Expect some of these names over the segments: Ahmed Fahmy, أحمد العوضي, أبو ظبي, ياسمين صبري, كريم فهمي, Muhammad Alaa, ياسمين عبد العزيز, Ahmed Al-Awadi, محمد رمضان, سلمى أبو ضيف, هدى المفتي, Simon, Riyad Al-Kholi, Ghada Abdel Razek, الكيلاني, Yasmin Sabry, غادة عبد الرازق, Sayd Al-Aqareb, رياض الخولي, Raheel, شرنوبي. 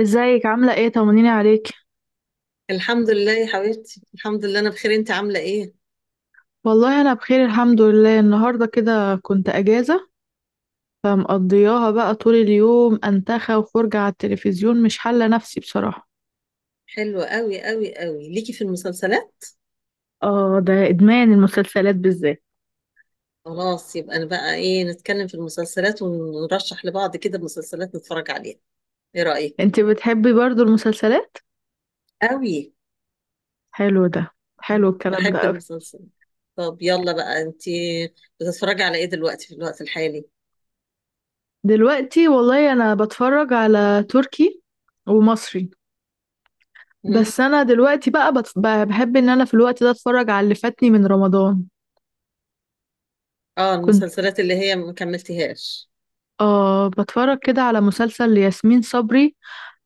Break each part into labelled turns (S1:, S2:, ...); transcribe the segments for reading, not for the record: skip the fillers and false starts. S1: ازيك عاملة ايه؟ طمنيني عليك.
S2: الحمد لله يا حبيبتي، الحمد لله انا بخير. انت عامله ايه؟
S1: والله انا بخير، الحمد لله. النهاردة كده كنت اجازة، فمقضياها بقى طول اليوم انتخى وفرجة على التلفزيون، مش حالة نفسي بصراحة.
S2: حلوه قوي قوي قوي ليكي في المسلسلات.
S1: اه، ده ادمان المسلسلات بالذات.
S2: خلاص، يبقى انا بقى ايه، نتكلم في المسلسلات ونرشح لبعض كده مسلسلات نتفرج عليها. ايه رايك؟
S1: انتي بتحبي برضو المسلسلات؟
S2: قوي.
S1: حلو ده، حلو الكلام ده
S2: بحب
S1: قوي.
S2: المسلسل. طب يلا بقى، انت بتتفرجي على ايه دلوقتي في الوقت الحالي؟
S1: دلوقتي والله انا بتفرج على تركي ومصري.
S2: مم.
S1: بس انا دلوقتي بقى بحب ان انا في الوقت ده اتفرج على اللي فاتني من رمضان.
S2: اه،
S1: كنت
S2: المسلسلات اللي هي ما كملتهاش.
S1: بتفرج كده على مسلسل لياسمين صبري،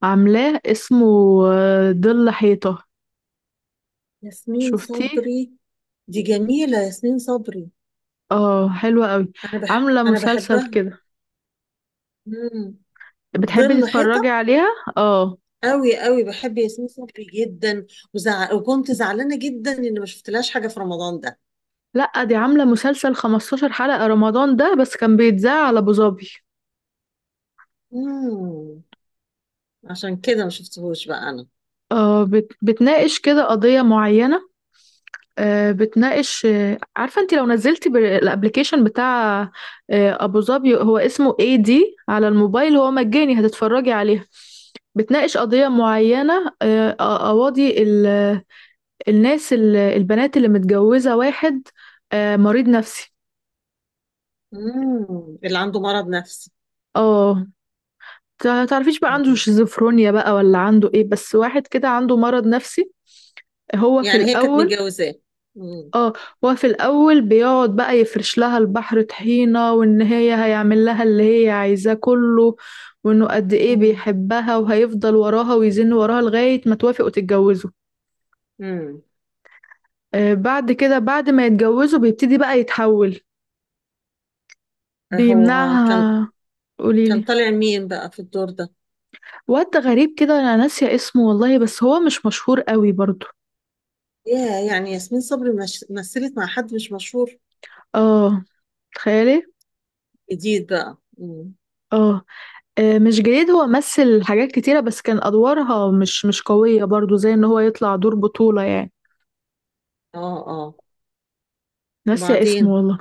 S1: عاملاه اسمه ظل حيطة.
S2: ياسمين
S1: شفتيه؟
S2: صبري؟ دي جميله ياسمين صبري.
S1: اه، حلوة قوي.
S2: انا بح
S1: عاملة
S2: انا
S1: مسلسل
S2: بحبها.
S1: كده،
S2: مم.
S1: بتحبي
S2: ظل
S1: تتفرجي
S2: حيطه.
S1: عليها؟ اه.
S2: قوي قوي، بحب ياسمين صبري جدا. وكنت زعلانه جدا ان ما شفتلهاش حاجه في رمضان ده.
S1: لأ، دي عاملة مسلسل 15 حلقة رمضان ده، بس كان بيتذاع على أبو ظبي.
S2: امم. عشان كده ما شفتهوش بقى انا.
S1: اه، بتناقش كده قضية معينة. بتناقش. عارفة انت لو نزلتي بالابليكيشن بتاع أبو ظبي، هو اسمه اي دي، على الموبايل هو مجاني، هتتفرجي عليه. بتناقش قضية معينة، قواضي الناس، البنات اللي متجوزة واحد مريض نفسي.
S2: امم. اللي عنده مرض نفسي.
S1: اه، تعرفيش بقى عنده
S2: مم.
S1: شيزوفرونيا بقى ولا عنده ايه، بس واحد كده عنده مرض نفسي. هو في
S2: يعني هي كانت
S1: الأول
S2: متجوزاه. امم.
S1: اه هو في الأول بيقعد بقى يفرش لها البحر طحينة، وإن هي هيعمل لها اللي هي عايزاه كله، وإنه قد ايه
S2: امم.
S1: بيحبها وهيفضل وراها ويزن وراها لغاية ما توافق وتتجوزه.
S2: امم.
S1: بعد كده، بعد ما يتجوزوا بيبتدي بقى يتحول،
S2: هو كان
S1: بيمنعها.
S2: كان
S1: قوليلي.
S2: طالع مين بقى في الدور ده؟
S1: واد غريب كده، انا ناسية اسمه والله، بس هو مش مشهور قوي برضو.
S2: يا يعني ياسمين صبري مش... مثلت مع حد مش مشهور؟
S1: اه، تخيلي.
S2: جديد بقى. امم.
S1: اه، مش جديد، هو مثل حاجات كتيرة بس كان ادوارها مش قوية برضو، زي ان هو يطلع دور بطولة يعني.
S2: اه اه.
S1: ناسية اسمه
S2: وبعدين؟
S1: والله.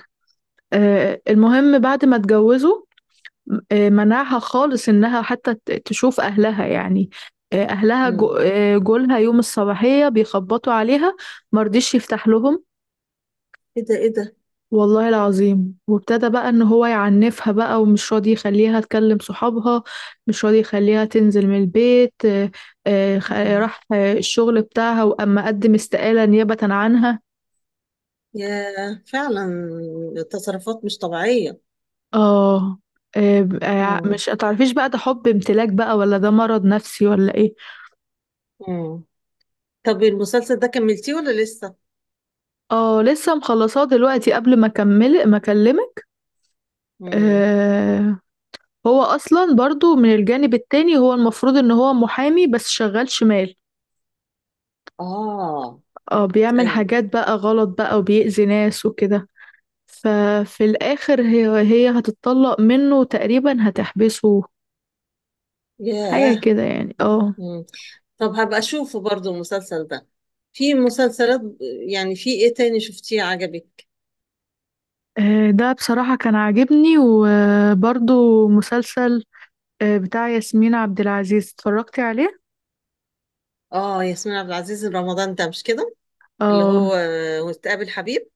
S1: المهم، بعد ما اتجوزوا منعها خالص، انها حتى تشوف اهلها يعني. آه، اهلها جو-
S2: امم.
S1: آه، جولها يوم الصباحية بيخبطوا عليها، مرضيش يفتح لهم
S2: ايه ده؟ ايه ده؟
S1: والله العظيم. وابتدى بقى ان هو يعنفها بقى، ومش راضي يخليها تكلم صحابها، مش راضي يخليها تنزل من البيت. آه، خ-
S2: مم.
S1: راح آه، الشغل بتاعها، واما قدم استقالة نيابة عنها.
S2: يا فعلا، تصرفات مش طبيعية.
S1: اه.
S2: مم.
S1: مش هتعرفيش بقى ده حب امتلاك بقى ولا ده مرض نفسي ولا ايه.
S2: مم. طب المسلسل ده كملتيه ولا لسه؟
S1: اه، لسه مخلصاه دلوقتي، قبل ما اكمل ما اكلمك.
S2: مم.
S1: آه، هو اصلا برضو من الجانب التاني، هو المفروض ان هو محامي بس شغال شمال.
S2: آه.
S1: اه، بيعمل
S2: أيوه.
S1: حاجات بقى غلط بقى، وبيأذي ناس وكده. ففي الآخر هي هتتطلق منه، وتقريبا هتحبسه. حاجة
S2: ياه.
S1: كده يعني، اه.
S2: مم. طب هبقى أشوفه برضو المسلسل ده. في مسلسلات يعني، في إيه تاني شفتيه عجبك؟
S1: ده بصراحة كان عاجبني، وبرضو مسلسل بتاع ياسمين عبد العزيز، اتفرجتي عليه؟
S2: آه ياسمين عبد العزيز رمضان ده مش كده؟ اللي
S1: اه،
S2: هو آه، وتقابل حبيب.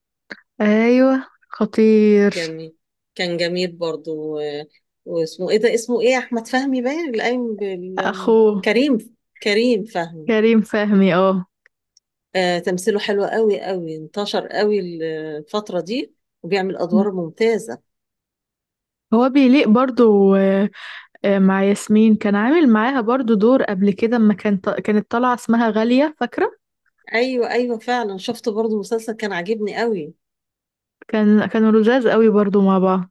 S1: ايوه، خطير.
S2: جميل. كان جميل برضو واسمه إيه ده، اسمه إيه؟ أحمد فهمي باين اللي قايم بال...
S1: اخوه،
S2: كريم. كريم فهمي.
S1: كريم فهمي، اه.
S2: آه، تمثيله حلو قوي قوي، انتشر قوي الفترة دي، وبيعمل أدوار ممتازة.
S1: هو بيليق برضو، مع ياسمين كان عامل معاها برضو دور قبل كده، اما كانت طالعة اسمها غالية، فاكرة؟
S2: أيوة أيوة، فعلا شفت برضو مسلسل كان عاجبني قوي.
S1: كانوا لزاز قوي برضو مع بعض.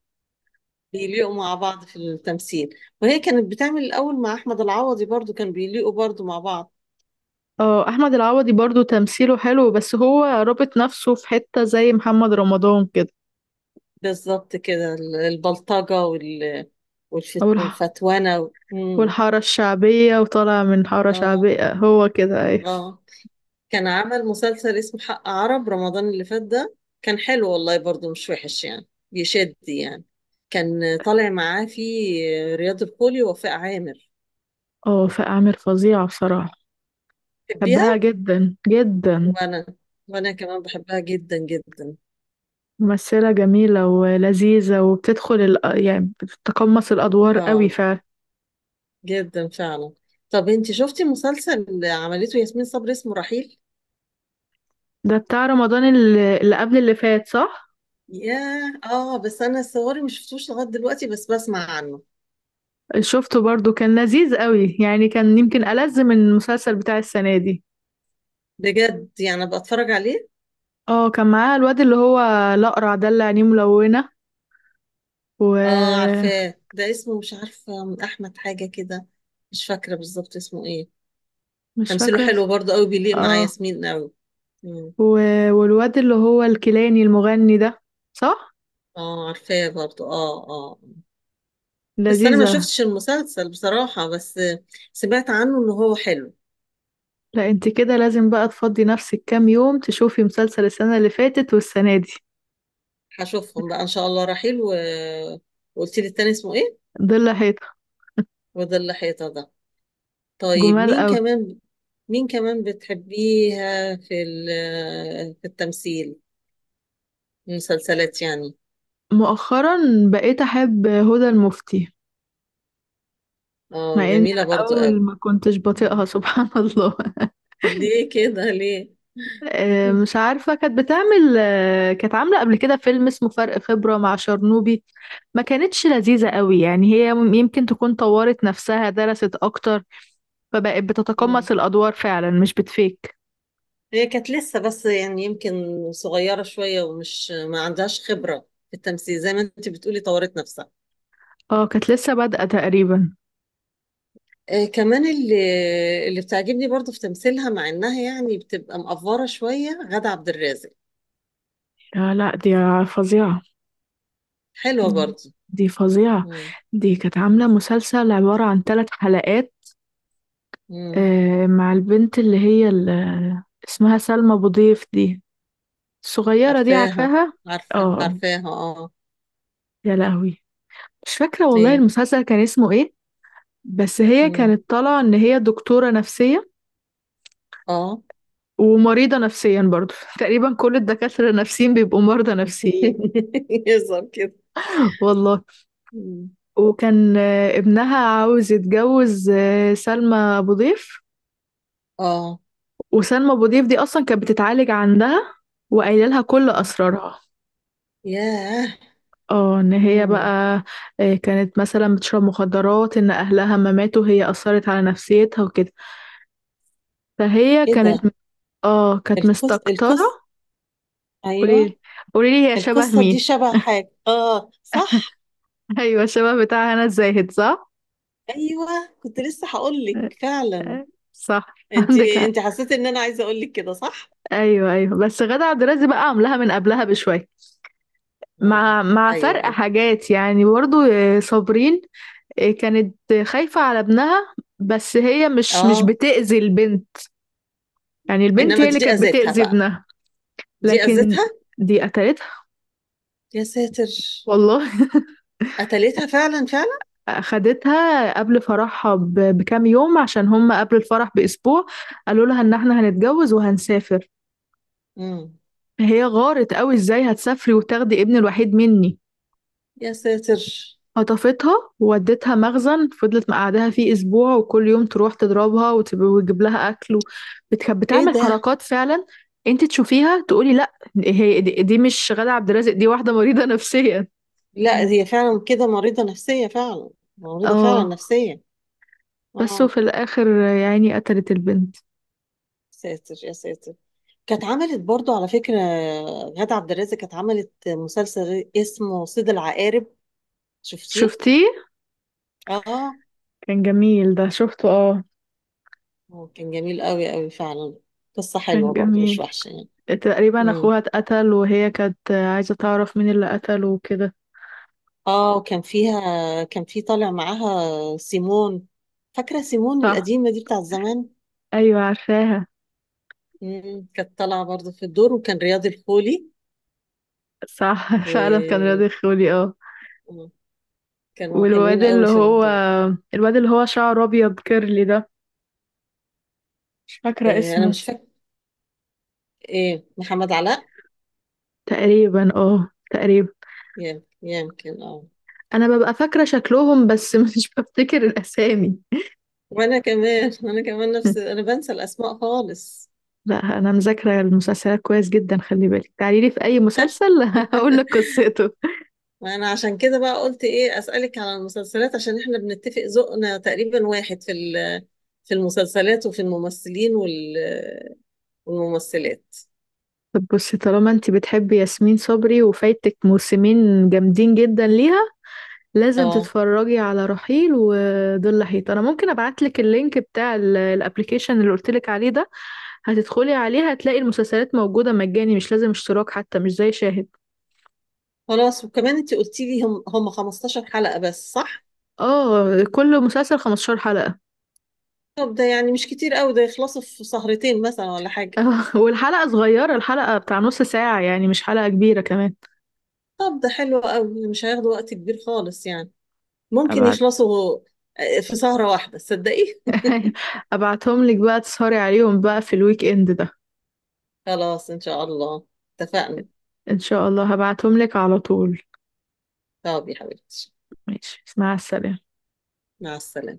S2: بيليقوا مع بعض في التمثيل. وهي كانت بتعمل الأول مع أحمد العوضي، برضو كان بيليقوا برضو مع بعض.
S1: اه، احمد العوضي برضو تمثيله حلو، بس هو رابط نفسه في حتة زي محمد رمضان كده.
S2: بالظبط كده، البلطجة وال...
S1: او الح...
S2: والفتوانة مم.
S1: والحارة الشعبية، وطالع من حارة
S2: اه
S1: شعبية، هو كده ايه.
S2: اه، كان عمل مسلسل اسمه حق عرب رمضان اللي فات ده. كان حلو والله، برضو مش وحش يعني، بيشد يعني. كان طالع معاه في رياض الخولي ووفاء عامر.
S1: اه، في اعمال فظيعة بصراحة.
S2: بتحبيها؟
S1: بحبها جدا جدا.
S2: وانا وانا كمان بحبها جدا جدا.
S1: ممثلة جميلة ولذيذة، وبتدخل يعني بتتقمص الادوار قوي
S2: اه،
S1: فعلا.
S2: جدا فعلا. طب انتي شفتي مسلسل عملته ياسمين صبري اسمه رحيل؟
S1: ده بتاع رمضان اللي قبل اللي فات، صح؟
S2: ياه اه، بس انا صوري مش شفتوش لغايه دلوقتي، بس بسمع عنه.
S1: شفته برضو، كان لذيذ قوي، يعني كان يمكن ألذ من المسلسل بتاع السنة دي.
S2: بجد؟ يعني ابقى اتفرج عليه.
S1: اه، كان معاه الواد اللي هو الأقرع ده، اللي عينيه ملونة.
S2: اه
S1: ومش
S2: عارفاه ده، اسمه مش عارفة، من أحمد حاجة كده. مش فاكرة بالظبط اسمه ايه. تمثيله
S1: فاكرة
S2: حلو برضه قوي، بيليق مع
S1: اه
S2: ياسمين قوي. مم.
S1: و... والواد اللي هو الكيلاني المغني ده، صح؟
S2: اه عارفاه برضه، اه اه. بس أنا ما
S1: لذيذة.
S2: شفتش المسلسل بصراحة، بس سمعت عنه إن هو حلو.
S1: لا، انت كده لازم بقى تفضي نفسك كام يوم تشوفي مسلسل السنة اللي فاتت والسنة دي.
S2: هشوفهم بقى إن شاء الله، رحيل وقلت لي التاني اسمه ايه؟
S1: ضل حيطة،
S2: وده اللي حيطة ده. طيب
S1: جمال
S2: مين
S1: قوي.
S2: كمان؟ مين كمان بتحبيها في التمثيل، المسلسلات يعني.
S1: مؤخرا، بقيت أحب هدى المفتي،
S2: اه
S1: مع ان
S2: جميلة برضه
S1: الأول
S2: قوي.
S1: ما كنتش بطيقها سبحان الله.
S2: ليه كده، ليه؟ مم.
S1: مش عارفة كانت بتعمل، كانت عاملة قبل كده فيلم اسمه فرق خبرة مع شرنوبي. ما كانتش لذيذة قوي يعني، هي يمكن تكون طورت نفسها، درست أكتر، فبقت
S2: مم.
S1: بتتقمص الأدوار فعلا مش بتفيك.
S2: هي كانت لسه بس، يعني يمكن صغيرة شوية، ومش ما عندهاش خبرة في التمثيل، زي ما انت بتقولي طورت نفسها.
S1: اه، كانت لسه بادئة تقريبا.
S2: آه كمان، اللي بتعجبني برضو في تمثيلها مع انها يعني بتبقى مقفرة شوية، غادة عبد الرازق.
S1: لا لا، دي فظيعة.
S2: حلوة برضو.
S1: دي فظيعة.
S2: مم.
S1: دي كانت عاملة
S2: مم.
S1: مسلسل عبارة عن ثلاث حلقات،
S2: مم.
S1: مع البنت اللي هي اللي اسمها سلمى أبو ضيف دي، الصغيرة دي،
S2: عارفاها.
S1: عارفاها.
S2: عارفة،
S1: اه.
S2: عارفاها اه.
S1: يا لهوي، مش فاكرة والله
S2: ايه.
S1: المسلسل كان اسمه ايه. بس هي
S2: مم.
S1: كانت طالعة ان هي دكتورة نفسية،
S2: اه.
S1: ومريضة نفسيا برضو تقريبا كل الدكاترة النفسيين بيبقوا مرضى نفسيين.
S2: يظهر كده.
S1: والله.
S2: مم.
S1: وكان ابنها عاوز يتجوز سلمى أبو ضيف،
S2: اه.
S1: وسلمى أبو ضيف دي أصلا كانت بتتعالج عندها، وقايله لها كل أسرارها.
S2: ياه.
S1: اه، ان هي
S2: مم.
S1: بقى كانت مثلا بتشرب مخدرات، ان اهلها ما ماتوا هي اثرت على نفسيتها وكده. فهي
S2: ايه
S1: كانت،
S2: ده؟
S1: اه، كانت
S2: القص
S1: مستكترة.
S2: القص ايوه،
S1: قوليلي، قوليلي، هي شبه
S2: القصه دي
S1: مين؟
S2: شبه حاجه، اه صح.
S1: ايوه، شبه بتاع هنا الزاهد، صح.
S2: ايوه، كنت لسه هقول لك فعلا.
S1: آه، صح،
S2: انت
S1: عندك حق.
S2: انت حسيت ان انا عايزه اقول لك كده، صح؟
S1: ايوه ايوه، بس غادة عبد الرازق بقى عاملاها من قبلها بشويه،
S2: اه.
S1: مع مع
S2: ايوه
S1: فرق
S2: ايوه.
S1: حاجات يعني، برضو صابرين. كانت خايفة على ابنها، بس هي مش
S2: اه.
S1: بتأذي البنت. يعني البنت
S2: انما
S1: هي اللي
S2: دي
S1: كانت
S2: اذتها
S1: بتأذي
S2: بقى،
S1: ابنها،
S2: دي
S1: لكن
S2: اذتها.
S1: دي قتلتها
S2: يا ساتر.
S1: والله.
S2: قتلتها فعلا فعلا.
S1: أخدتها قبل فرحها بكام يوم، عشان هم قبل الفرح بأسبوع قالوا لها إن احنا هنتجوز وهنسافر،
S2: امم.
S1: هي غارت قوي، ازاي هتسافري وتاخدي ابني الوحيد مني.
S2: يا ساتر.
S1: خطفتها وودتها مخزن، فضلت مقعدها فيه اسبوع، وكل يوم تروح تضربها وتجيب لها اكل
S2: ايه
S1: بتعمل
S2: ده؟
S1: حركات فعلا، انت تشوفيها تقولي لا، هي دي، دي مش غادة عبد الرازق، دي واحدة مريضة نفسيا.
S2: لا،
S1: مم.
S2: هي فعلا كده مريضه نفسيه فعلا. مريضه فعلا
S1: اه،
S2: نفسيه.
S1: بس
S2: اه.
S1: وفي الاخر يعني قتلت البنت.
S2: ساتر يا ساتر. كانت عملت برضو على فكرة، غادة عبد الرازق كانت عملت مسلسل اسمه صيد العقارب، شفتيه؟
S1: شفتيه؟
S2: اه،
S1: كان جميل ده، شفته اه.
S2: هو كان جميل قوي قوي فعلا. قصة
S1: كان
S2: حلوة برضو،
S1: جميل،
S2: مش وحشة يعني.
S1: تقريبا
S2: مم.
S1: اخوها اتقتل وهي كانت عايزة تعرف مين اللي قتله وكده.
S2: اه، وكان فيها، كان في طالع معاها سيمون، فاكرة سيمون
S1: صح،
S2: القديمة دي بتاع زمان؟
S1: ايوه، عارفاها.
S2: مم. كانت طالعة برضو في الدور، وكان رياض الخولي.
S1: صح. فعلا كان رياض الخولي اه.
S2: وكانوا
S1: والواد
S2: حلوين
S1: اللي
S2: قوي في
S1: هو،
S2: الدور.
S1: الواد اللي هو شعره ابيض كيرلي ده، مش فاكره
S2: آه انا
S1: اسمه.
S2: مش فاكر، ايه، محمد علاء؟
S1: تقريبا.
S2: يمكن اه.
S1: انا ببقى فاكره شكلهم بس مش بفتكر الاسامي.
S2: وانا كمان نفس، انا بنسى الاسماء خالص.
S1: لا، انا مذاكره المسلسلات كويس جدا، خلي بالك، تعالي لي في اي
S2: شك.
S1: مسلسل هقول لك قصته.
S2: وانا عشان كده بقى قلت ايه اسالك على المسلسلات، عشان احنا بنتفق ذوقنا تقريبا واحد في في المسلسلات، وفي الممثلين والممثلات.
S1: طب بصي، طالما انت بتحبي ياسمين صبري وفايتك موسمين جامدين جدا ليها، لازم
S2: اه.
S1: تتفرجي على رحيل وظل لحيط. انا ممكن ابعتلك اللينك بتاع الابليكيشن اللي قلتلك عليه ده، هتدخلي عليه هتلاقي المسلسلات موجودة مجاني، مش لازم اشتراك حتى، مش زي شاهد.
S2: خلاص، وكمان انت قلتي لي هم 15 حلقة بس، صح؟
S1: اه، كل مسلسل 15 حلقة.
S2: طب ده يعني مش كتير قوي، ده يخلصوا في سهرتين مثلا، ولا حاجة؟
S1: والحلقة صغيرة، الحلقة بتاع نص ساعة يعني، مش حلقة كبيرة كمان.
S2: طب ده حلو قوي، مش هياخدوا وقت كبير خالص يعني، ممكن
S1: أبعت
S2: يخلصوا آه، في سهرة واحدة، تصدقي؟
S1: أبعتهم لك بقى تسهري عليهم بقى في الويك إند ده.
S2: خلاص ان شاء الله، اتفقنا.
S1: إن شاء الله هبعتهم لك على طول.
S2: طب يا حبيبتي،
S1: ماشي، مع السلامة.
S2: مع السلامة.